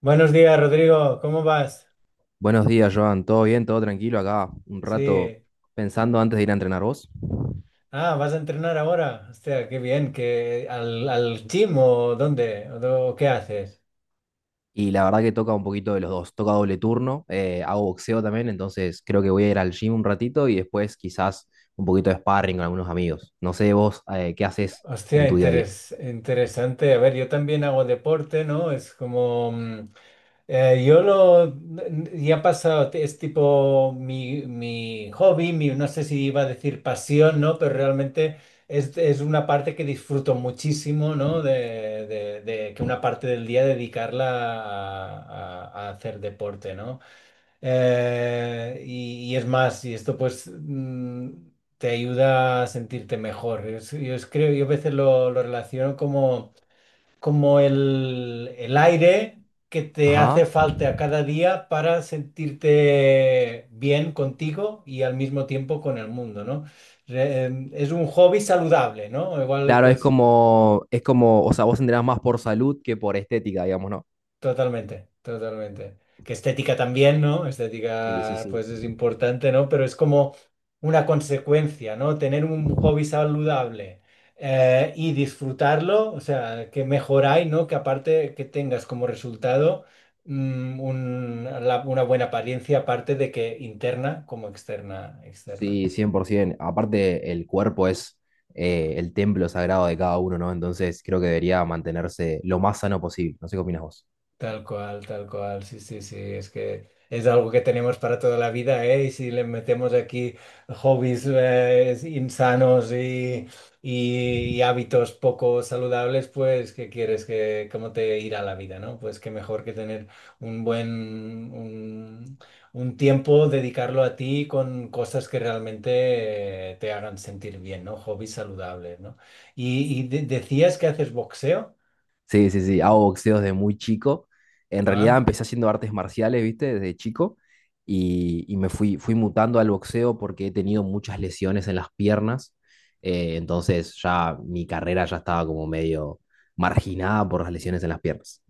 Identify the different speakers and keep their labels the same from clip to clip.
Speaker 1: Buenos días, Rodrigo. ¿Cómo vas?
Speaker 2: Buenos días, Joan. ¿Todo bien? ¿Todo tranquilo? Acá un rato
Speaker 1: Sí.
Speaker 2: pensando antes de ir a entrenar vos.
Speaker 1: Ah, ¿vas a entrenar ahora? Hostia, qué bien. Al gym o dónde? Qué haces?
Speaker 2: Y la verdad que toca un poquito de los dos. Toca doble turno, hago boxeo también, entonces creo que voy a ir al gym un ratito y después quizás un poquito de sparring con algunos amigos. No sé vos qué haces en
Speaker 1: Hostia,
Speaker 2: tu día a día.
Speaker 1: interesante. A ver, yo también hago deporte, ¿no? Eh, yo lo, ya ha pasado, es tipo mi hobby, mi, no sé si iba a decir pasión, ¿no? Pero realmente es una parte que disfruto muchísimo, ¿no? De, de que una parte del día dedicarla a, a hacer deporte, ¿no? Y es más, y esto pues te ayuda a sentirte mejor. Creo, yo a veces lo relaciono como como el aire que te hace
Speaker 2: Ajá.
Speaker 1: falta cada día para sentirte bien contigo y al mismo tiempo con el mundo, ¿no? Es un hobby saludable, ¿no? Igual,
Speaker 2: Claro,
Speaker 1: pues
Speaker 2: es como, o sea, vos entrenás más por salud que por estética, digamos, ¿no?
Speaker 1: totalmente, totalmente. Que estética también, ¿no?
Speaker 2: Sí, sí,
Speaker 1: Estética,
Speaker 2: sí.
Speaker 1: pues es importante, ¿no? Pero es como una consecuencia, ¿no? Tener un hobby saludable, y disfrutarlo, o sea, que mejoráis, ¿no? Que aparte que tengas como resultado, una buena apariencia, aparte de que interna como externa, externa.
Speaker 2: Sí, 100%. Aparte, el cuerpo es el templo sagrado de cada uno, ¿no? Entonces creo que debería mantenerse lo más sano posible. No sé qué opinas vos.
Speaker 1: Tal cual, sí, sí, sí, es que es algo que tenemos para toda la vida, ¿eh? Y si le metemos aquí hobbies insanos y hábitos poco saludables, pues, ¿qué quieres? Que, ¿cómo te irá la vida, ¿no? Pues qué mejor que tener un buen, un, un tiempo, dedicarlo a ti con cosas que realmente te hagan sentir bien, ¿no? Hobbies saludables, ¿no? Decías que haces boxeo,
Speaker 2: Sí, sí, sí. Hago boxeo desde muy chico. En realidad
Speaker 1: ¿ah?
Speaker 2: empecé haciendo artes marciales, ¿viste? Desde chico. Y, y me fui, mutando al boxeo porque he tenido muchas lesiones en las piernas. Entonces ya mi carrera ya estaba como medio marginada por las lesiones en las piernas.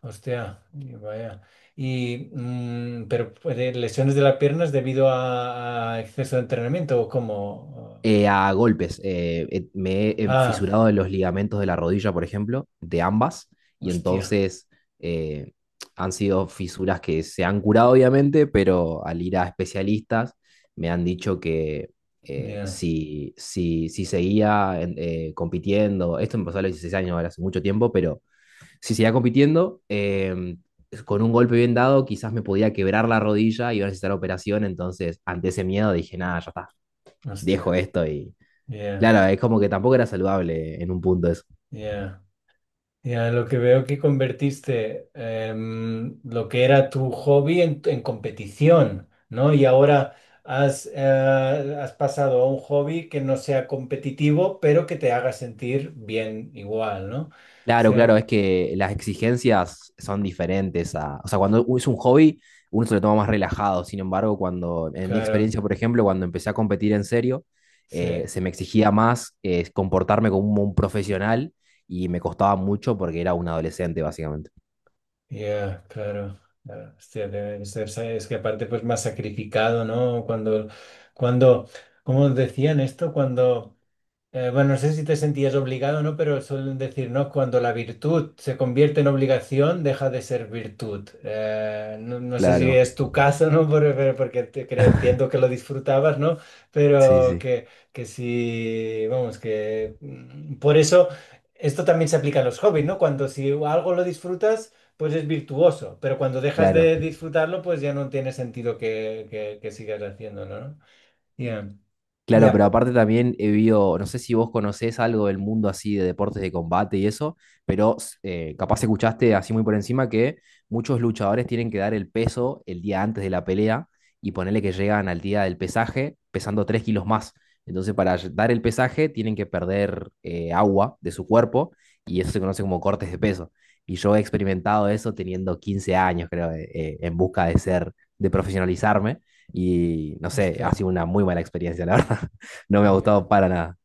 Speaker 1: Hostia, y vaya. Lesiones de las piernas debido a exceso de entrenamiento o cómo?
Speaker 2: A golpes.
Speaker 1: Ah,
Speaker 2: Fisurado de los ligamentos de la rodilla, por ejemplo, de ambas, y
Speaker 1: hostia,
Speaker 2: entonces eh, han sido fisuras que se han curado, obviamente, pero al ir a especialistas me han dicho que eh,
Speaker 1: ya,
Speaker 2: si, si, si seguía en- compitiendo, esto me pasó a los 16 años, ahora hace mucho tiempo, pero si seguía compitiendo, con un golpe bien dado, quizás me podía quebrar la rodilla y iba a necesitar operación, entonces ante ese miedo dije, nada, ya está,
Speaker 1: hostia,
Speaker 2: dejo esto y
Speaker 1: ya,
Speaker 2: claro, es como que tampoco era saludable en un punto eso.
Speaker 1: ya. Ya, lo que veo que convertiste lo que era tu hobby en competición, ¿no? Y ahora has, eh, has pasado a un hobby que no sea competitivo, pero que te haga sentir bien igual, ¿no? O
Speaker 2: Claro, claro,
Speaker 1: sea,
Speaker 2: es que las exigencias son diferentes a, o sea, cuando es un hobby, uno se lo toma más relajado. Sin embargo, cuando, en mi
Speaker 1: claro,
Speaker 2: experiencia, por ejemplo, cuando empecé a competir en serio,
Speaker 1: sí.
Speaker 2: se me exigía más comportarme como un profesional y me costaba mucho porque era un adolescente, básicamente.
Speaker 1: Ya, claro. Claro. Hostia, debe de ser, es que aparte pues más sacrificado, ¿no? Cuando, ¿Cómo decían esto? Cuando bueno, no sé si te sentías obligado o no, pero suelen decir, ¿no? Cuando la virtud se convierte en obligación, deja de ser virtud. No, no sé si
Speaker 2: Claro,
Speaker 1: es tu caso, ¿no? Porque, entiendo que lo disfrutabas, ¿no?
Speaker 2: sí,
Speaker 1: Pero
Speaker 2: sí,
Speaker 1: que, que sí, vamos, por eso esto también se aplica a los hobbies, ¿no? Cuando si algo lo disfrutas, pues es virtuoso, pero cuando dejas
Speaker 2: claro.
Speaker 1: de disfrutarlo, pues ya no tiene sentido que sigas haciéndolo, ¿no? Ya,
Speaker 2: Claro,
Speaker 1: ya,
Speaker 2: pero aparte también he visto, no sé si vos conocés algo del mundo así de deportes de combate y eso, pero capaz escuchaste así muy por encima que muchos luchadores tienen que dar el peso el día antes de la pelea y ponerle que llegan al día del pesaje pesando 3 kilos más. Entonces para ll- dar el pesaje tienen que perder agua de su cuerpo y eso se conoce como cortes de peso. Y yo he experimentado eso teniendo 15 años, creo, en busca de ser, de profesionalizarme y no sé, ha
Speaker 1: hostia.
Speaker 2: sido una muy mala experiencia, la verdad. No me ha
Speaker 1: Ya.
Speaker 2: gustado para nada.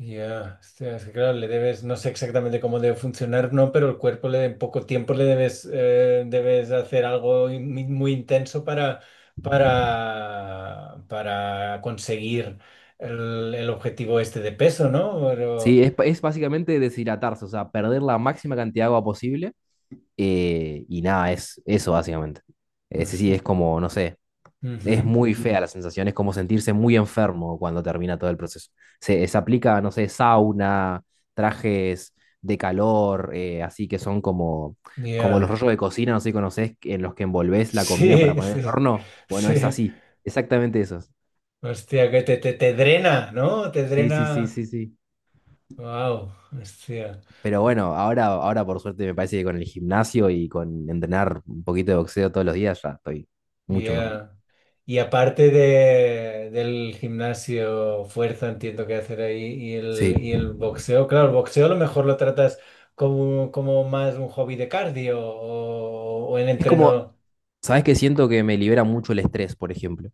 Speaker 1: Ya, hostia, es que claro, le debes, no sé exactamente cómo debe funcionar, no, pero el cuerpo le en poco tiempo le debes, debes hacer algo muy intenso para, para conseguir el objetivo este de peso, ¿no? Pero,
Speaker 2: Sí, es básicamente deshidratarse, o sea, perder la máxima cantidad de agua posible. Y nada, es eso básicamente. Ese sí, es
Speaker 1: hostia,
Speaker 2: como, no sé, es
Speaker 1: ujú,
Speaker 2: muy fea la sensación, es como sentirse muy enfermo cuando termina todo el proceso. Se aplica, no sé, sauna, trajes de calor, así que son como, como los
Speaker 1: ya,
Speaker 2: rollos de cocina, no sé si conocés, en los que envolvés la comida para
Speaker 1: Sí,
Speaker 2: poner en el
Speaker 1: sí,
Speaker 2: horno. Bueno, es
Speaker 1: sí,
Speaker 2: así, exactamente esos.
Speaker 1: hostia, que te drena, ¿no? Te
Speaker 2: Sí, sí, sí,
Speaker 1: drena,
Speaker 2: sí, sí.
Speaker 1: wow, hostia,
Speaker 2: Pero bueno, ahora, ahora por suerte me parece que con el gimnasio y con entrenar un poquito de boxeo todos los días ya estoy mucho mejor.
Speaker 1: ya. Y aparte de, del gimnasio, fuerza, entiendo que hacer ahí,
Speaker 2: Sí.
Speaker 1: y el boxeo, claro, el boxeo a lo mejor lo tratas como, como más un hobby de cardio o en
Speaker 2: Es como,
Speaker 1: entreno.
Speaker 2: ¿sabes qué? Siento que me libera mucho el estrés, por ejemplo.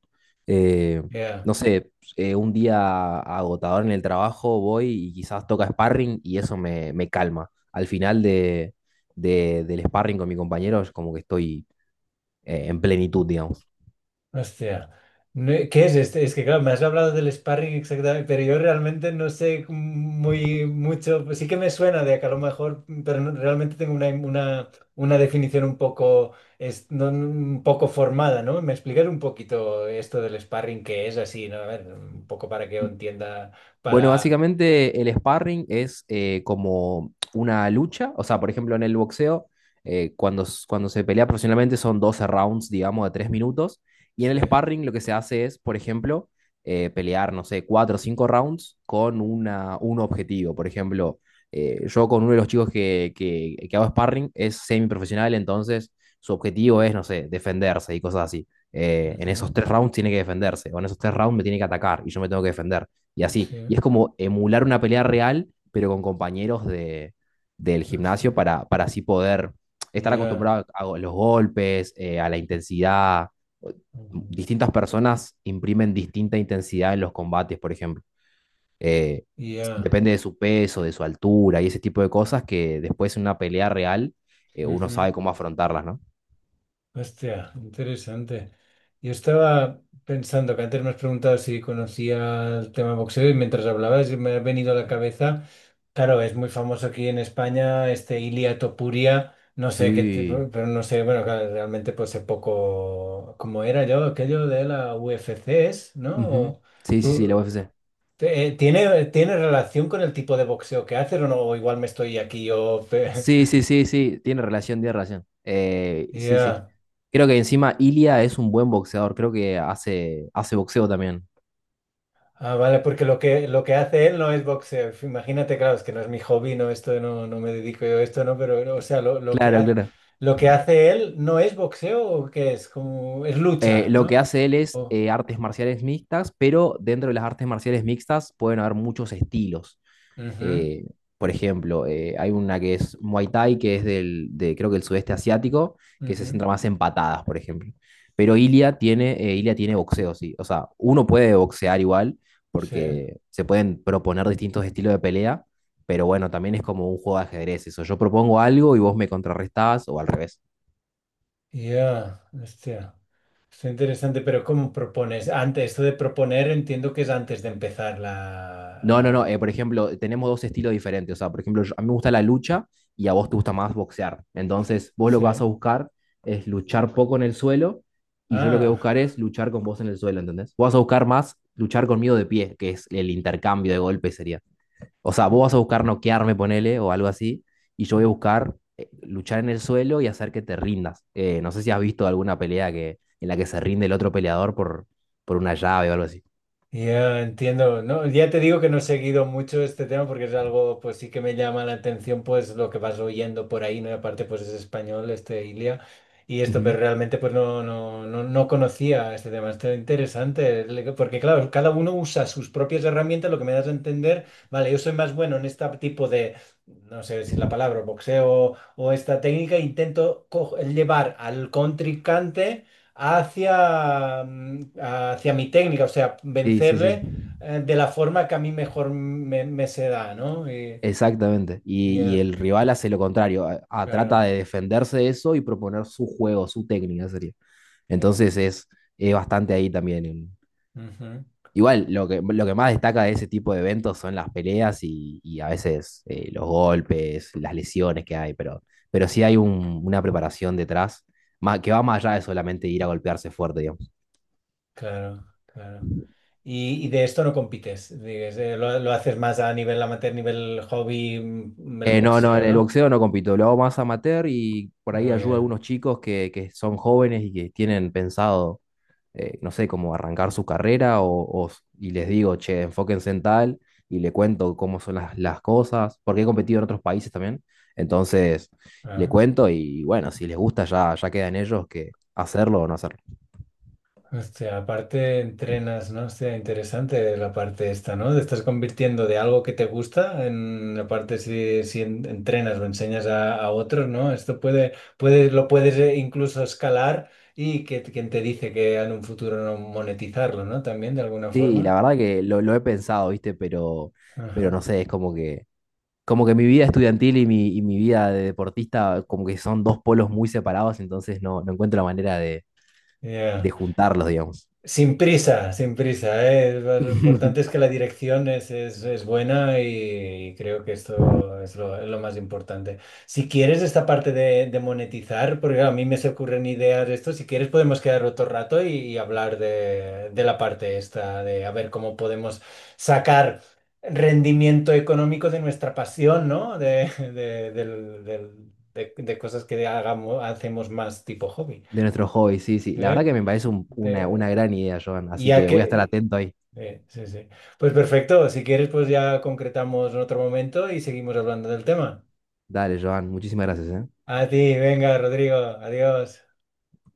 Speaker 2: Eh,
Speaker 1: Ya.
Speaker 2: no sé, un día agotador en el trabajo voy y quizás toca sparring y eso me, me calma. Al final de, del sparring con mi compañero es como que estoy en plenitud, digamos.
Speaker 1: Hostia. No, ¿qué es este? Es que, claro, me has hablado del sparring exactamente, pero yo realmente no sé muy mucho. Pues sí que me suena de que a lo mejor, pero realmente tengo una definición un poco, es, un poco formada, ¿no? ¿Me explicas un poquito esto del sparring qué es así, ¿no? A ver, un poco para que yo entienda,
Speaker 2: Bueno,
Speaker 1: para...
Speaker 2: básicamente el sparring es como una lucha, o sea, por ejemplo, en el boxeo, cuando, s- cuando se pelea profesionalmente son 12 rounds, digamos, de 3 minutos, y en
Speaker 1: Sí.
Speaker 2: el sparring lo que se hace es, por ejemplo, pelear, no sé, 4 o 5 rounds con una, un objetivo. Por ejemplo, yo con uno de los chicos que hago sparring es semiprofesional, entonces su objetivo es, no sé, defenderse y cosas así. En
Speaker 1: Ujú,
Speaker 2: esos 3 rounds tiene que defenderse, o en esos 3 rounds me tiene que atacar y yo me tengo que defender y
Speaker 1: sí.
Speaker 2: así. Y es como emular una pelea real, pero con compañeros de, del gimnasio
Speaker 1: Hostia.
Speaker 2: para así poder estar
Speaker 1: Ya.
Speaker 2: acostumbrado a los golpes, a la intensidad.
Speaker 1: Ujú,
Speaker 2: Distintas personas imprimen distinta intensidad en los combates, por ejemplo. Eh,
Speaker 1: ya.
Speaker 2: Depende de su peso, de su altura y ese tipo de cosas que después en una pelea real uno
Speaker 1: Ujú.
Speaker 2: sabe cómo afrontarlas, ¿no?
Speaker 1: Hostia, interesante. Yo estaba pensando que antes me has preguntado si conocía el tema boxeo y mientras hablabas me ha venido a la cabeza. Claro, es muy famoso aquí en España este Ilia Topuria, no sé qué,
Speaker 2: Sí.
Speaker 1: pero no sé, bueno, claro, realmente pues sé poco cómo era yo, aquello de la UFC, ¿es? ¿No?
Speaker 2: Ujú.
Speaker 1: O
Speaker 2: Sí, sí, sí, la
Speaker 1: ¿tú,
Speaker 2: UFC.
Speaker 1: ¿tiene, tiene relación con el tipo de boxeo que haces o no? O igual me estoy aquí yo...
Speaker 2: Sí, sí, sí, sí, tiene relación, tiene relación. Sí, sí.
Speaker 1: Ya.
Speaker 2: Creo que encima Ilia es un buen boxeador, creo que hace, hace boxeo también.
Speaker 1: Ah, vale, porque lo que hace él no es boxeo. Imagínate, claro, es que no es mi hobby, no, esto no, no me dedico yo a esto, no, pero, o sea,
Speaker 2: Claro, claro.
Speaker 1: lo que hace él no es boxeo o qué es, como, es lucha,
Speaker 2: Lo que
Speaker 1: ¿no?
Speaker 2: hace él es
Speaker 1: O
Speaker 2: artes marciales mixtas, pero dentro de las artes marciales mixtas pueden haber muchos estilos.
Speaker 1: ujú,
Speaker 2: Eh, por ejemplo, hay una que es Muay Thai, que es del, de, creo que el sudeste asiático, que se
Speaker 1: ujú,
Speaker 2: centra más en patadas, por ejemplo. Pero Ilia tiene boxeo, sí. O sea, uno puede boxear igual,
Speaker 1: sí,
Speaker 2: porque se pueden proponer distintos estilos de pelea, pero bueno, también es como un juego de ajedrez eso. Yo propongo algo y vos me contrarrestás, o al revés.
Speaker 1: ya, hostia, está interesante, pero ¿cómo propones? Antes, esto de proponer entiendo que es antes de empezar
Speaker 2: No, no, no.
Speaker 1: la,
Speaker 2: Por ejemplo, tenemos dos estilos diferentes. O sea, por ejemplo, yo- a mí me gusta la lucha y a vos te gusta más boxear. Entonces, vos lo que vas a
Speaker 1: sí,
Speaker 2: buscar es luchar poco en el suelo y yo lo que voy a
Speaker 1: ah,
Speaker 2: buscar es luchar con vos en el suelo, ¿entendés? Vos vas a buscar más luchar conmigo de pie, que es el intercambio de golpes sería. O sea, vos
Speaker 1: eh,
Speaker 2: vas a buscar noquearme, ponele, o algo así, y yo voy a buscar luchar en el suelo y hacer que te rindas. No sé si has visto alguna pelea que, en la que se rinde el otro peleador por una llave o algo así.
Speaker 1: ya entiendo, ¿no? Ya te digo que no he seguido mucho este tema porque es algo, pues sí que me llama la atención, pues lo que vas oyendo por ahí, ¿no? Y aparte, pues es español, este Ilia, y esto,
Speaker 2: Ujú.
Speaker 1: pero realmente, pues no, no, no, no conocía este tema, está interesante, porque claro, cada uno usa sus propias herramientas, lo que me das a entender, vale, yo soy más bueno en este tipo de, no sé decir la palabra, boxeo o esta técnica, intento llevar al contrincante hacia, hacia mi técnica, o sea,
Speaker 2: Sí, sí, sí.
Speaker 1: vencerle de la forma que a mí mejor me se da, ¿no? Y-
Speaker 2: Exactamente. Y
Speaker 1: yeah,
Speaker 2: el rival hace lo contrario. A- Trata
Speaker 1: claro,
Speaker 2: de defenderse de eso y proponer su juego, su técnica sería.
Speaker 1: yeah,
Speaker 2: Entonces es bastante ahí también. En-
Speaker 1: ujú,
Speaker 2: Igual, lo que más destaca de ese tipo de eventos son las peleas y a veces los golpes, las lesiones que hay, pero sí hay un- una preparación detrás ma- que va más allá de solamente ir a golpearse fuerte, digamos.
Speaker 1: claro, claro. Y de esto no compites, digas, lo haces más a nivel amateur, nivel hobby, el
Speaker 2: No, no,
Speaker 1: boxeo,
Speaker 2: en el
Speaker 1: ¿no?
Speaker 2: boxeo no compito, lo hago más amateur y por ahí
Speaker 1: Muy
Speaker 2: ayudo a
Speaker 1: bien.
Speaker 2: algunos chicos que son jóvenes y que tienen pensado no sé, como arrancar su carrera o- y les digo, che, enfóquense en tal y le cuento cómo son las cosas, porque he competido en otros países también. Entonces, le
Speaker 1: Ah.
Speaker 2: cuento y bueno, si les gusta ya, ya queda en ellos que hacerlo o no hacerlo.
Speaker 1: Hostia, aparte entrenas, ¿no? Hostia, interesante la parte esta, ¿no? Te estás convirtiendo de algo que te gusta en la parte si, entrenas o enseñas a otros, ¿no? Esto puede, lo puedes incluso escalar y que quien te dice que en un futuro no monetizarlo, ¿no? También de alguna
Speaker 2: Sí, la
Speaker 1: forma.
Speaker 2: verdad que lo he pensado, ¿viste? Pero
Speaker 1: Ajá.
Speaker 2: no sé, es como que mi vida estudiantil y mi vida de deportista como que son dos polos muy separados, entonces no, no encuentro la manera de
Speaker 1: Ya.
Speaker 2: juntarlos, digamos.
Speaker 1: Sin prisa, sin prisa, ¿eh? Lo importante es que la dirección es, es buena y, creo que esto es lo más importante. Si quieres esta parte de monetizar, porque claro, a mí me se ocurren ideas de esto, si quieres podemos quedar otro rato y hablar de la parte esta, de a ver cómo podemos sacar rendimiento económico de nuestra pasión, ¿no? De, de cosas que hagamos, hacemos más tipo hobby.
Speaker 2: De nuestro hobby, sí, sí.
Speaker 1: ¿Sí?
Speaker 2: La verdad que me parece un-
Speaker 1: De-
Speaker 2: una gran idea, Joan. Así
Speaker 1: ya
Speaker 2: que voy a estar
Speaker 1: que
Speaker 2: atento ahí.
Speaker 1: sí, sí, sí. Pues perfecto, si quieres, pues ya concretamos en otro momento y seguimos hablando del tema.
Speaker 2: Dale, Joan. Muchísimas gracias, ¿eh?
Speaker 1: A ti, venga, Rodrigo, adiós.